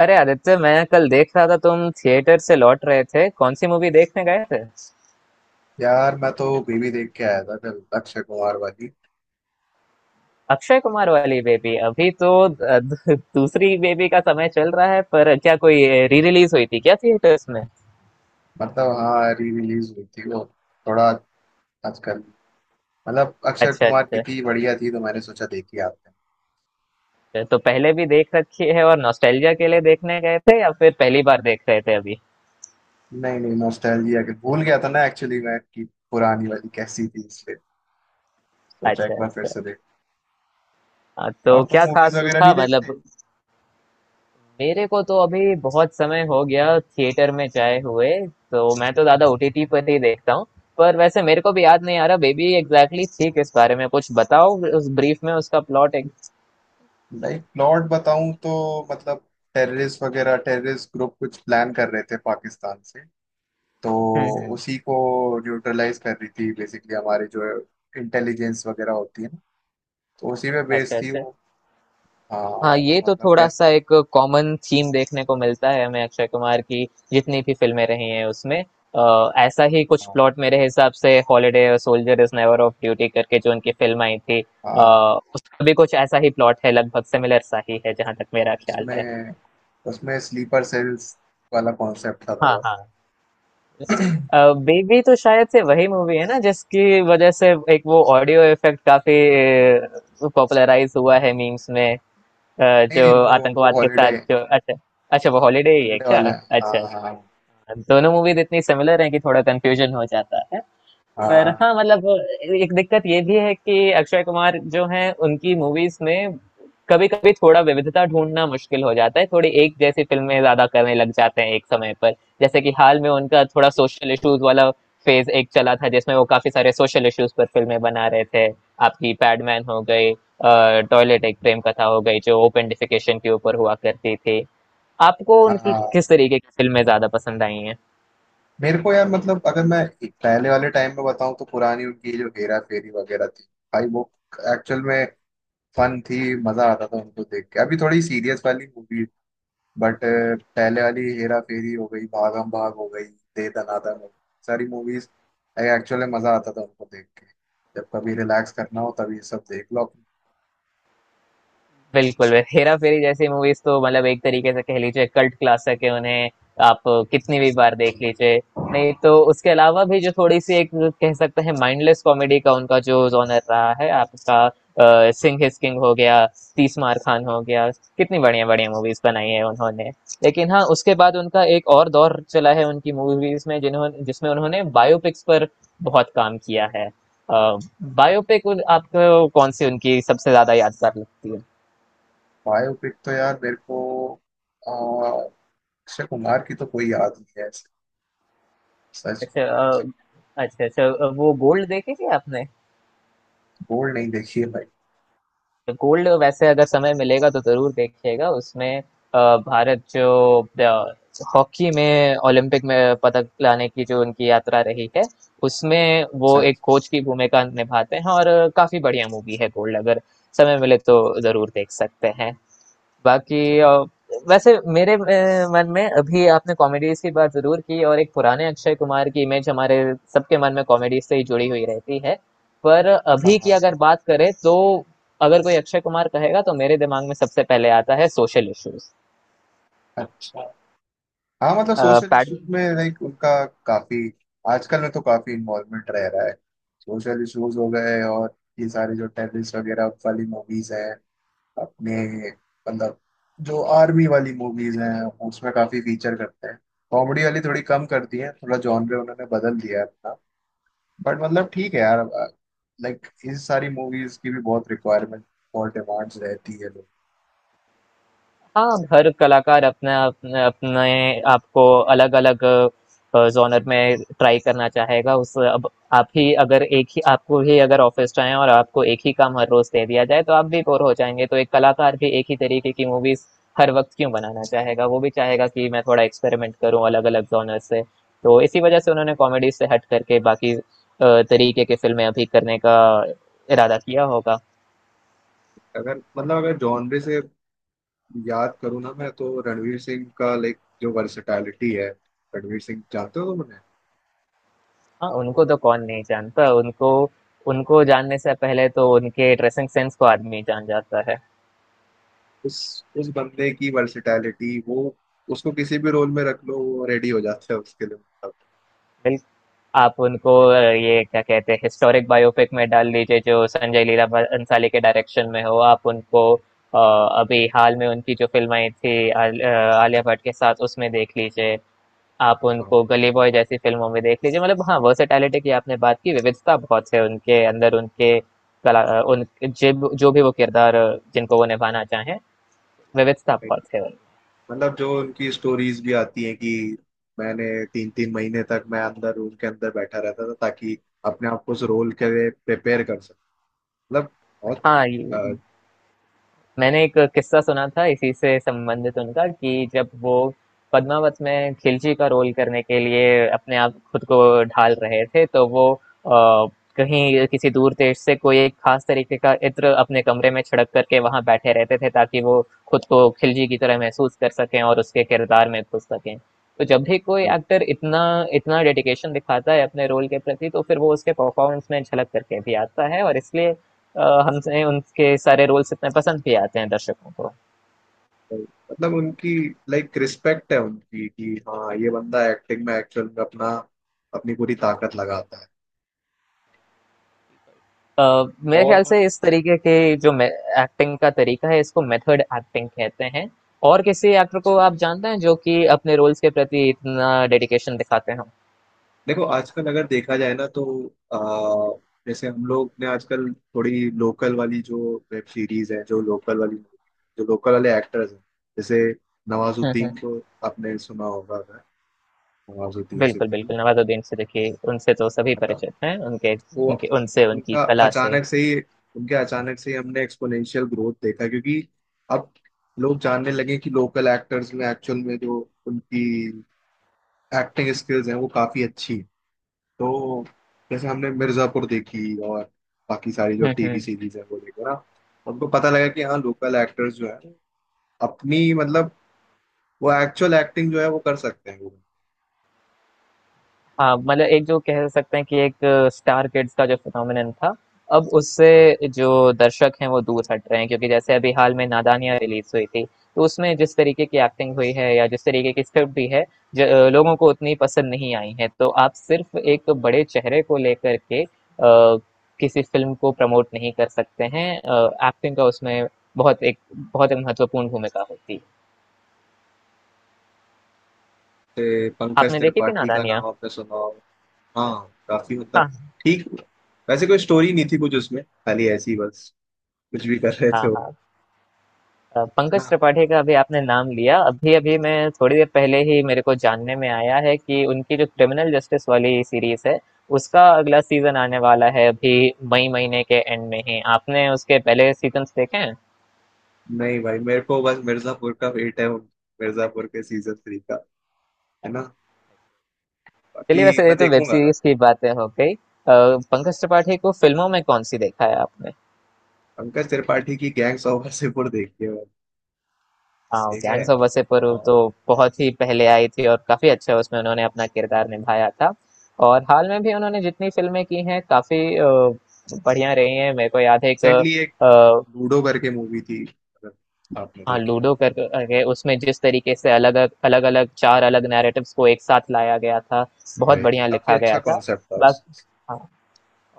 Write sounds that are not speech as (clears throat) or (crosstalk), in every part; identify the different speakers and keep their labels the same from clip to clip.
Speaker 1: अरे आदित्य, मैं कल देख रहा था तुम थिएटर से लौट रहे थे। कौन सी मूवी देखने गए थे?
Speaker 2: यार मैं तो बीवी देख के आया था कल, अक्षय कुमार वाली।
Speaker 1: अक्षय कुमार वाली बेबी? अभी तो दूसरी बेबी का समय चल रहा है, पर क्या कोई री रिलीज हुई थी क्या थिएटर्स में?
Speaker 2: हाँ, री रिलीज हुई थी वो। थोड़ा आजकल। अक्षय
Speaker 1: अच्छा
Speaker 2: कुमार की
Speaker 1: अच्छा।
Speaker 2: थी, बढ़िया थी, तो मैंने सोचा, देखी आपने।
Speaker 1: अच्छा, तो पहले भी देख रखी है और नॉस्टैल्जिया के लिए देखने गए थे या फिर पहली बार देख रहे थे अभी?
Speaker 2: नहीं नहीं, नॉस्टैल्जिया के भूल गया था ना एक्चुअली मैं कि पुरानी वाली कैसी थी, इसलिए सोचा एक
Speaker 1: अच्छा
Speaker 2: बार फिर
Speaker 1: अच्छा।
Speaker 2: से देख।
Speaker 1: हाँ, तो
Speaker 2: और तुम
Speaker 1: क्या
Speaker 2: मूवीज
Speaker 1: खास
Speaker 2: वगैरह
Speaker 1: था
Speaker 2: नहीं
Speaker 1: मतलब?
Speaker 2: देखते।
Speaker 1: मेरे को तो अभी बहुत समय हो गया थिएटर में जाए हुए। तो मैं तो ज्यादा ओटीटी पर ही देखता हूँ। पर वैसे मेरे को भी याद नहीं आ रहा बेबी एग्जैक्टली थी किस बारे में। कुछ बताओ उस ब्रीफ में उसका प्लॉट एक।
Speaker 2: लाइक प्लॉट बताऊं तो मतलब टेररिस्ट वगैरह, टेररिस्ट ग्रुप कुछ प्लान कर रहे थे पाकिस्तान से, तो
Speaker 1: हम्म।
Speaker 2: उसी को न्यूट्रलाइज कर रही थी बेसिकली, हमारे जो इंटेलिजेंस वगैरह होती है, तो उसी पे बेस
Speaker 1: अच्छा
Speaker 2: थी
Speaker 1: अच्छा।
Speaker 2: वो।
Speaker 1: हाँ,
Speaker 2: हाँ। तो
Speaker 1: ये तो
Speaker 2: मतलब
Speaker 1: थोड़ा
Speaker 2: कैसे।
Speaker 1: सा एक कॉमन थीम देखने को मिलता है हमें। अक्षय कुमार की जितनी भी फिल्में रही हैं उसमें ऐसा ही कुछ
Speaker 2: हाँ
Speaker 1: प्लॉट मेरे हिसाब से हॉलिडे और soldier is never off duty करके जो उनकी फिल्म आई थी
Speaker 2: हाँ,
Speaker 1: उसका भी कुछ ऐसा ही प्लॉट है, लगभग सिमिलर सा ही है जहां तक मेरा ख्याल है।
Speaker 2: उसमें उसमें स्लीपर सेल्स वाला कॉन्सेप्ट था
Speaker 1: हाँ
Speaker 2: थोड़ा।
Speaker 1: हाँ।
Speaker 2: (clears throat) नहीं।
Speaker 1: बेबी तो शायद से वही मूवी है ना जिसकी वजह से एक वो ऑडियो इफेक्ट काफी पॉपुलराइज हुआ है मीम्स में,
Speaker 2: नहीं,
Speaker 1: जो
Speaker 2: वो
Speaker 1: आतंकवाद के साथ
Speaker 2: हॉलीडे,
Speaker 1: जो। अच्छा अच्छा, वो हॉलीडे ही है
Speaker 2: हॉलीडे
Speaker 1: क्या?
Speaker 2: वाला है।
Speaker 1: अच्छा
Speaker 2: हाँ हाँ।
Speaker 1: अच्छा। दोनों मूवीज इतनी सिमिलर हैं कि थोड़ा कंफ्यूजन हो जाता है। पर हाँ, मतलब एक दिक्कत ये भी है कि अक्षय कुमार जो हैं उनकी मूवीज में कभी कभी थोड़ा विविधता ढूंढना मुश्किल हो जाता है। थोड़ी एक जैसी फिल्में ज्यादा करने लग जाते हैं एक समय पर। जैसे कि हाल में उनका थोड़ा सोशल इश्यूज वाला फेज एक चला था जिसमें वो काफी सारे सोशल इश्यूज पर फिल्में बना रहे थे। आपकी पैडमैन हो गई, टॉयलेट एक प्रेम कथा हो गई जो ओपेंडिफिकेशन के ऊपर हुआ करती थी। आपको
Speaker 2: हाँ
Speaker 1: उनकी
Speaker 2: हाँ।
Speaker 1: किस तरीके की फिल्में ज्यादा पसंद आई हैं?
Speaker 2: मेरे को यार, मतलब अगर मैं पहले वाले टाइम में बताऊं तो पुरानी उनकी जो हेरा फेरी वगैरह थी, भाई वो एक्चुअल में फन थी। मजा आता था उनको देख के। अभी थोड़ी सीरियस वाली मूवी, बट पहले वाली हेरा फेरी हो गई, भागम भाग हो गई, दे दनादन हो गई, सारी मूवीज एक्चुअली मजा आता था उनको देख के। जब कभी रिलैक्स करना हो तभी ये सब देख लो।
Speaker 1: बिल्कुल बिल्कुल। हेरा फेरी जैसी मूवीज तो मतलब एक तरीके से कह लीजिए कल्ट क्लासिक है उन्हें। आप कितनी भी बार देख लीजिए। नहीं तो उसके अलावा भी जो थोड़ी सी एक कह सकते हैं माइंडलेस कॉमेडी का उनका जो जॉनर रहा है आपका, सिंह इज किंग हो गया, तीस मार खान हो गया, कितनी बढ़िया बढ़िया मूवीज बनाई है उन्होंने। लेकिन हाँ, उसके बाद उनका एक और दौर चला है उनकी मूवीज में जिन्होंने जिसमें उन्होंने बायोपिक्स पर बहुत काम किया है। बायोपिक, आपको कौन सी उनकी सबसे ज्यादा यादगार लगती है?
Speaker 2: बायोपिक तो यार मेरे को अ, अक्षय कुमार की तो कोई याद नहीं है ऐसे। सच।
Speaker 1: अच्छा। अच्छा अच्छा। वो गोल्ड देखी थी आपने?
Speaker 2: बोल्ड नहीं देखी है भाई।
Speaker 1: गोल्ड वैसे अगर समय मिलेगा तो जरूर देखिएगा। उसमें भारत जो अ, हॉकी में ओलंपिक में पदक लाने की जो उनकी यात्रा रही है, उसमें
Speaker 2: अच्छा
Speaker 1: वो एक
Speaker 2: अच्छा।
Speaker 1: कोच की भूमिका निभाते हैं। और काफी बढ़िया मूवी है गोल्ड, अगर समय मिले तो जरूर देख सकते हैं। बाकी,
Speaker 2: अच्छा,
Speaker 1: वैसे मेरे मन में अभी आपने कॉमेडीज की बात जरूर की, और एक पुराने अक्षय कुमार की इमेज हमारे सबके मन में कॉमेडी से ही जुड़ी हुई रहती है। पर
Speaker 2: हाँ
Speaker 1: अभी की
Speaker 2: हाँ,
Speaker 1: अगर बात करें तो अगर कोई अक्षय कुमार कहेगा तो मेरे दिमाग में सबसे पहले आता है सोशल इश्यूज।
Speaker 2: अच्छा। हाँ, मतलब सोशल
Speaker 1: पैड।
Speaker 2: इश्यूज में लाइक उनका काफी, आजकल में तो काफी इन्वॉल्वमेंट रह रहा है। सोशल इश्यूज हो गए, और ये सारे जो टेररिस्ट वगैरह वाली मूवीज हैं अपने मतलब, जो आर्मी वाली मूवीज हैं, उसमें काफी फीचर करते हैं। कॉमेडी वाली थोड़ी कम करती है, थोड़ा जॉनर उन्होंने बदल दिया है अपना। बट मतलब ठीक है यार, लाइक इस सारी मूवीज की भी बहुत रिक्वायरमेंट और डिमांड्स रहती है लोग।
Speaker 1: हाँ, हर कलाकार अपने अपने अपने आपको अलग अलग जॉनर में ट्राई करना चाहेगा। उस अब आप ही अगर एक ही आपको ही अगर ऑफिस जाए और आपको एक ही काम हर रोज दे दिया जाए तो आप भी बोर हो जाएंगे। तो एक कलाकार भी एक ही तरीके की मूवीज हर वक्त क्यों बनाना चाहेगा? वो भी चाहेगा कि मैं थोड़ा एक्सपेरिमेंट करूं अलग अलग जॉनर से। तो इसी वजह से उन्होंने कॉमेडी से हट करके बाकी तरीके के फिल्में अभी करने का इरादा किया होगा।
Speaker 2: अगर मतलब अगर जॉनर से याद करूँ ना मैं तो रणवीर सिंह का लाइक जो वर्सेटैलिटी है। रणवीर सिंह जानते हो तुम उन्हें।
Speaker 1: हाँ, उनको तो कौन नहीं जानता उनको। उनको जानने से पहले तो उनके ड्रेसिंग सेंस को आदमी जान जाता है।
Speaker 2: उस उस बंदे की वर्सेटैलिटी, वो उसको किसी भी रोल में रख लो, वो रेडी हो जाता है उसके लिए मतलब।
Speaker 1: बिल आप उनको, ये क्या कहते हैं हिस्टोरिक बायोपिक में डाल दीजिए जो संजय लीला अंसाली के डायरेक्शन में हो। आप उनको, अभी हाल में उनकी जो फिल्म आई थी आलिया भट्ट के साथ, उसमें देख लीजिए। आप
Speaker 2: हाँ,
Speaker 1: उनको गली बॉय जैसी फिल्मों में देख लीजिए। मतलब हाँ, वर्सेटैलिटी की आपने बात की, विविधता बहुत है उनके अंदर। उनके कला, उन जो भी वो किरदार जिनको वो निभाना चाहें, विविध स्थापकॉट सेवन।
Speaker 2: मतलब जो उनकी स्टोरीज भी आती हैं कि मैंने तीन तीन महीने तक मैं अंदर रूम के अंदर बैठा रहता था ताकि अपने आप को उस रोल के लिए प्रिपेयर कर सकूं, मतलब
Speaker 1: हाँ, ये
Speaker 2: बहुत।
Speaker 1: मैंने एक किस्सा सुना था इसी से संबंधित उनका कि जब वो पद्मावत में खिलजी का रोल करने के लिए अपने आप खुद को ढाल रहे थे तो वो, कहीं किसी दूर देश से कोई एक खास तरीके का इत्र अपने कमरे में छिड़क करके वहां बैठे रहते थे ताकि वो खुद को खिलजी की तरह महसूस कर सकें और उसके किरदार में घुस सकें। तो जब भी कोई एक्टर इतना इतना डेडिकेशन दिखाता है अपने रोल के प्रति, तो फिर वो उसके परफॉर्मेंस में झलक करके भी आता है। और इसलिए अ, हमसे उनके सारे रोल्स इतने पसंद भी आते हैं दर्शकों को।
Speaker 2: मतलब उनकी लाइक रिस्पेक्ट है उनकी कि हाँ, ये बंदा एक्टिंग में एक्चुअल में अपना अपनी पूरी ताकत लगाता है।
Speaker 1: अ, मेरे ख्याल
Speaker 2: और।
Speaker 1: से इस तरीके के जो एक्टिंग का तरीका है इसको मेथड एक्टिंग कहते हैं। और किसी एक्टर
Speaker 2: अच्छा,
Speaker 1: को आप जानते हैं जो कि अपने रोल्स के प्रति इतना डेडिकेशन दिखाते हो?
Speaker 2: देखो आजकल अगर देखा जाए ना तो जैसे हम लोग ने आजकल थोड़ी लोकल वाली जो वेब सीरीज है, जो लोकल वाली, जो लोकल वाले एक्टर्स हैं, जैसे
Speaker 1: हम्म।
Speaker 2: नवाजुद्दीन को आपने सुना होगा अगर, नवाजुद्दीन
Speaker 1: बिल्कुल
Speaker 2: सिद्दीकी।
Speaker 1: बिल्कुल, नवाजुद्दीन सिद्दीकी उनसे तो सभी परिचित हैं, उनके
Speaker 2: वो
Speaker 1: उनके उनसे उनकी
Speaker 2: उनका
Speaker 1: कला से।
Speaker 2: अचानक से ही, उनके अचानक से ही हमने एक्सपोनेंशियल ग्रोथ देखा क्योंकि अब लोग जानने लगे कि लोकल एक्टर्स में एक्चुअल में जो उनकी एक्टिंग स्किल्स हैं वो काफी अच्छी है। तो जैसे हमने मिर्जापुर देखी, और बाकी सारी जो टीवी
Speaker 1: हम्म।
Speaker 2: सीरीज है वो देखा ना, उनको पता लगा कि हाँ, लोकल एक्टर्स जो है अपनी मतलब, वो एक्चुअल एक्टिंग जो है वो कर सकते हैं वो।
Speaker 1: हाँ, मतलब एक जो कह सकते हैं कि एक स्टार किड्स का जो फिनोमिनन था, अब
Speaker 2: हाँ,
Speaker 1: उससे जो दर्शक हैं वो दूर हट रहे हैं। क्योंकि जैसे अभी हाल में नादानियाँ रिलीज हुई थी, तो उसमें जिस तरीके की एक्टिंग हुई है या जिस तरीके की स्क्रिप्ट भी है लोगों को उतनी पसंद नहीं आई है। तो आप सिर्फ एक बड़े चेहरे को लेकर के, किसी फिल्म को प्रमोट नहीं कर सकते हैं। एक्टिंग का उसमें बहुत एक बहुत एक महत्वपूर्ण भूमिका होती है।
Speaker 2: जैसे पंकज
Speaker 1: आपने देखी थी
Speaker 2: त्रिपाठी का
Speaker 1: नादानियाँ?
Speaker 2: नाम आपने सुना होगा। हाँ काफी, मतलब
Speaker 1: हाँ
Speaker 2: ठीक। वैसे कोई स्टोरी नहीं थी कुछ उसमें, खाली ऐसी ही बस, कुछ भी कर रहे
Speaker 1: हाँ
Speaker 2: थे वो
Speaker 1: हाँ।
Speaker 2: लोग।
Speaker 1: पंकज
Speaker 2: ना।
Speaker 1: त्रिपाठी का अभी आपने नाम लिया। अभी अभी मैं थोड़ी देर पहले ही मेरे को जानने में आया है कि उनकी जो क्रिमिनल जस्टिस वाली सीरीज है उसका अगला सीजन आने वाला है, अभी मई महीने के एंड में ही। आपने उसके पहले सीजन्स देखे हैं?
Speaker 2: नहीं भाई, मेरे को बस मिर्जापुर का वेट है, मिर्जापुर के सीजन 3 का, है ना, बाकी
Speaker 1: चलिए, वैसे ये
Speaker 2: मैं
Speaker 1: तो वेब
Speaker 2: देखूंगा।
Speaker 1: सीरीज की बातें हो गई। पंकज त्रिपाठी को फिल्मों में कौन सी देखा है आपने?
Speaker 2: पंकज त्रिपाठी की गैंग्स ऑफ वासेपुर देखी है मैंने,
Speaker 1: हाँ,
Speaker 2: ठीक है।
Speaker 1: गैंग्स ऑफ वासेपुरु
Speaker 2: और
Speaker 1: तो बहुत ही पहले आई थी और काफी अच्छा उसमें उन्होंने अपना किरदार निभाया था। और हाल में भी उन्होंने जितनी फिल्में की हैं काफी बढ़िया रही हैं। मेरे को याद है एक,
Speaker 2: रिसेंटली एक लूडो करके मूवी थी, अगर आपने
Speaker 1: हाँ,
Speaker 2: देखी हो,
Speaker 1: लूडो कर करके। उसमें जिस तरीके से अलग अलग अलग चार अलग नैरेटिव्स को एक साथ लाया गया था, बहुत
Speaker 2: भाई
Speaker 1: बढ़िया
Speaker 2: काफी
Speaker 1: लिखा
Speaker 2: अच्छा
Speaker 1: गया था।
Speaker 2: कॉन्सेप्ट था उस।
Speaker 1: बस।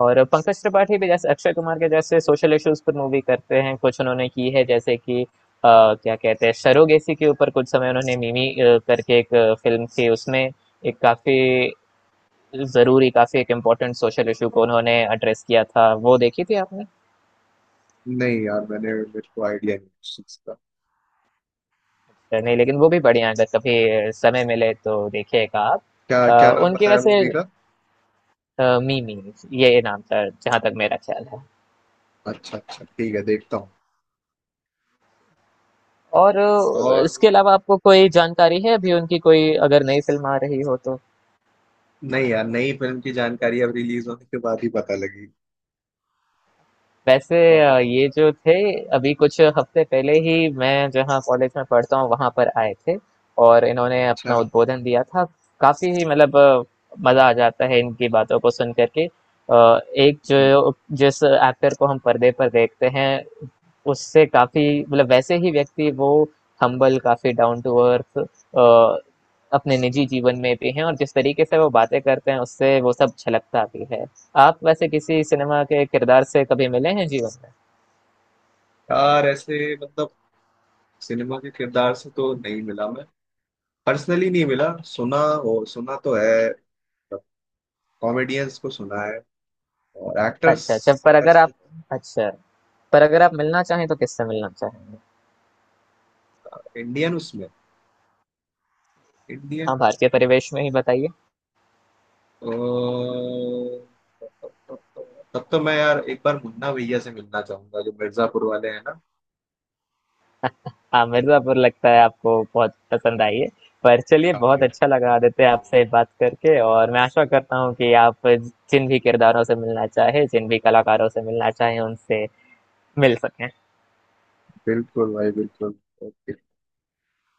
Speaker 1: और पंकज त्रिपाठी भी जैसे अक्षय कुमार के जैसे सोशल इश्यूज पर मूवी करते हैं, कुछ उन्होंने की है। जैसे कि क्या कहते हैं सरोगेसी के ऊपर कुछ समय उन्होंने मिमी करके एक फिल्म थी उसमें। एक काफी जरूरी, काफी एक इम्पोर्टेंट सोशल इशू को उन्होंने एड्रेस किया था। वो देखी थी आपने?
Speaker 2: नहीं यार मैंने, मेरे को आइडिया नहीं उस चीज का।
Speaker 1: नहीं लेकिन वो भी बढ़िया है, अगर कभी समय मिले तो देखिएगा आप।
Speaker 2: क्या
Speaker 1: अ,
Speaker 2: क्या नाम
Speaker 1: उनकी
Speaker 2: बताया
Speaker 1: वैसे,
Speaker 2: मूवी का।
Speaker 1: मिमी ये नाम था जहाँ तक मेरा ख्याल है।
Speaker 2: अच्छा अच्छा ठीक है, देखता हूँ।
Speaker 1: और
Speaker 2: और
Speaker 1: इसके अलावा आपको कोई जानकारी है अभी उनकी कोई अगर नई फिल्म आ रही हो तो?
Speaker 2: नहीं यार, नई फिल्म की जानकारी अब रिलीज होने के बाद ही पता लगी।
Speaker 1: वैसे, ये
Speaker 2: और-
Speaker 1: जो थे अभी कुछ हफ्ते पहले ही मैं जहाँ कॉलेज में पढ़ता हूँ वहाँ पर आए थे और इन्होंने अपना
Speaker 2: अच्छा।
Speaker 1: उद्बोधन दिया था। काफी ही मतलब मजा आ जाता है इनकी बातों को सुन करके। एक
Speaker 2: हम्म।
Speaker 1: जो जिस एक्टर को हम पर्दे पर देखते हैं उससे काफी मतलब वैसे ही व्यक्ति वो, हम्बल, काफी डाउन टू अर्थ अपने निजी जीवन में भी हैं। और जिस तरीके से वो बातें करते हैं उससे वो सब छलकता भी है। आप वैसे किसी सिनेमा के किरदार से कभी मिले हैं जीवन में?
Speaker 2: यार ऐसे मतलब सिनेमा के किरदार से तो नहीं मिला मैं, पर्सनली नहीं मिला, सुना हो सुना तो है, कॉमेडियंस को सुना है और एक्टर्स
Speaker 1: अच्छा अच्छा। पर अगर आप
Speaker 2: ऐसे।
Speaker 1: अच्छा, पर अगर आप मिलना चाहें तो किससे मिलना चाहेंगे?
Speaker 2: इंडियन उसमें इंडियन।
Speaker 1: हाँ, भारतीय परिवेश में ही बताइए।
Speaker 2: तब तो मैं यार एक बार मुन्ना भैया से मिलना चाहूंगा जो मिर्जापुर वाले हैं ना।
Speaker 1: हाँ, मिर्ज़ापुर लगता है आपको बहुत पसंद आई है। पर चलिए,
Speaker 2: काफी
Speaker 1: बहुत
Speaker 2: है।
Speaker 1: अच्छा लगा आदित्य आपसे बात करके। और मैं आशा करता हूँ कि आप जिन भी किरदारों से मिलना चाहे, जिन भी कलाकारों से मिलना चाहे उनसे मिल सकें।
Speaker 2: बिल्कुल भाई बिल्कुल।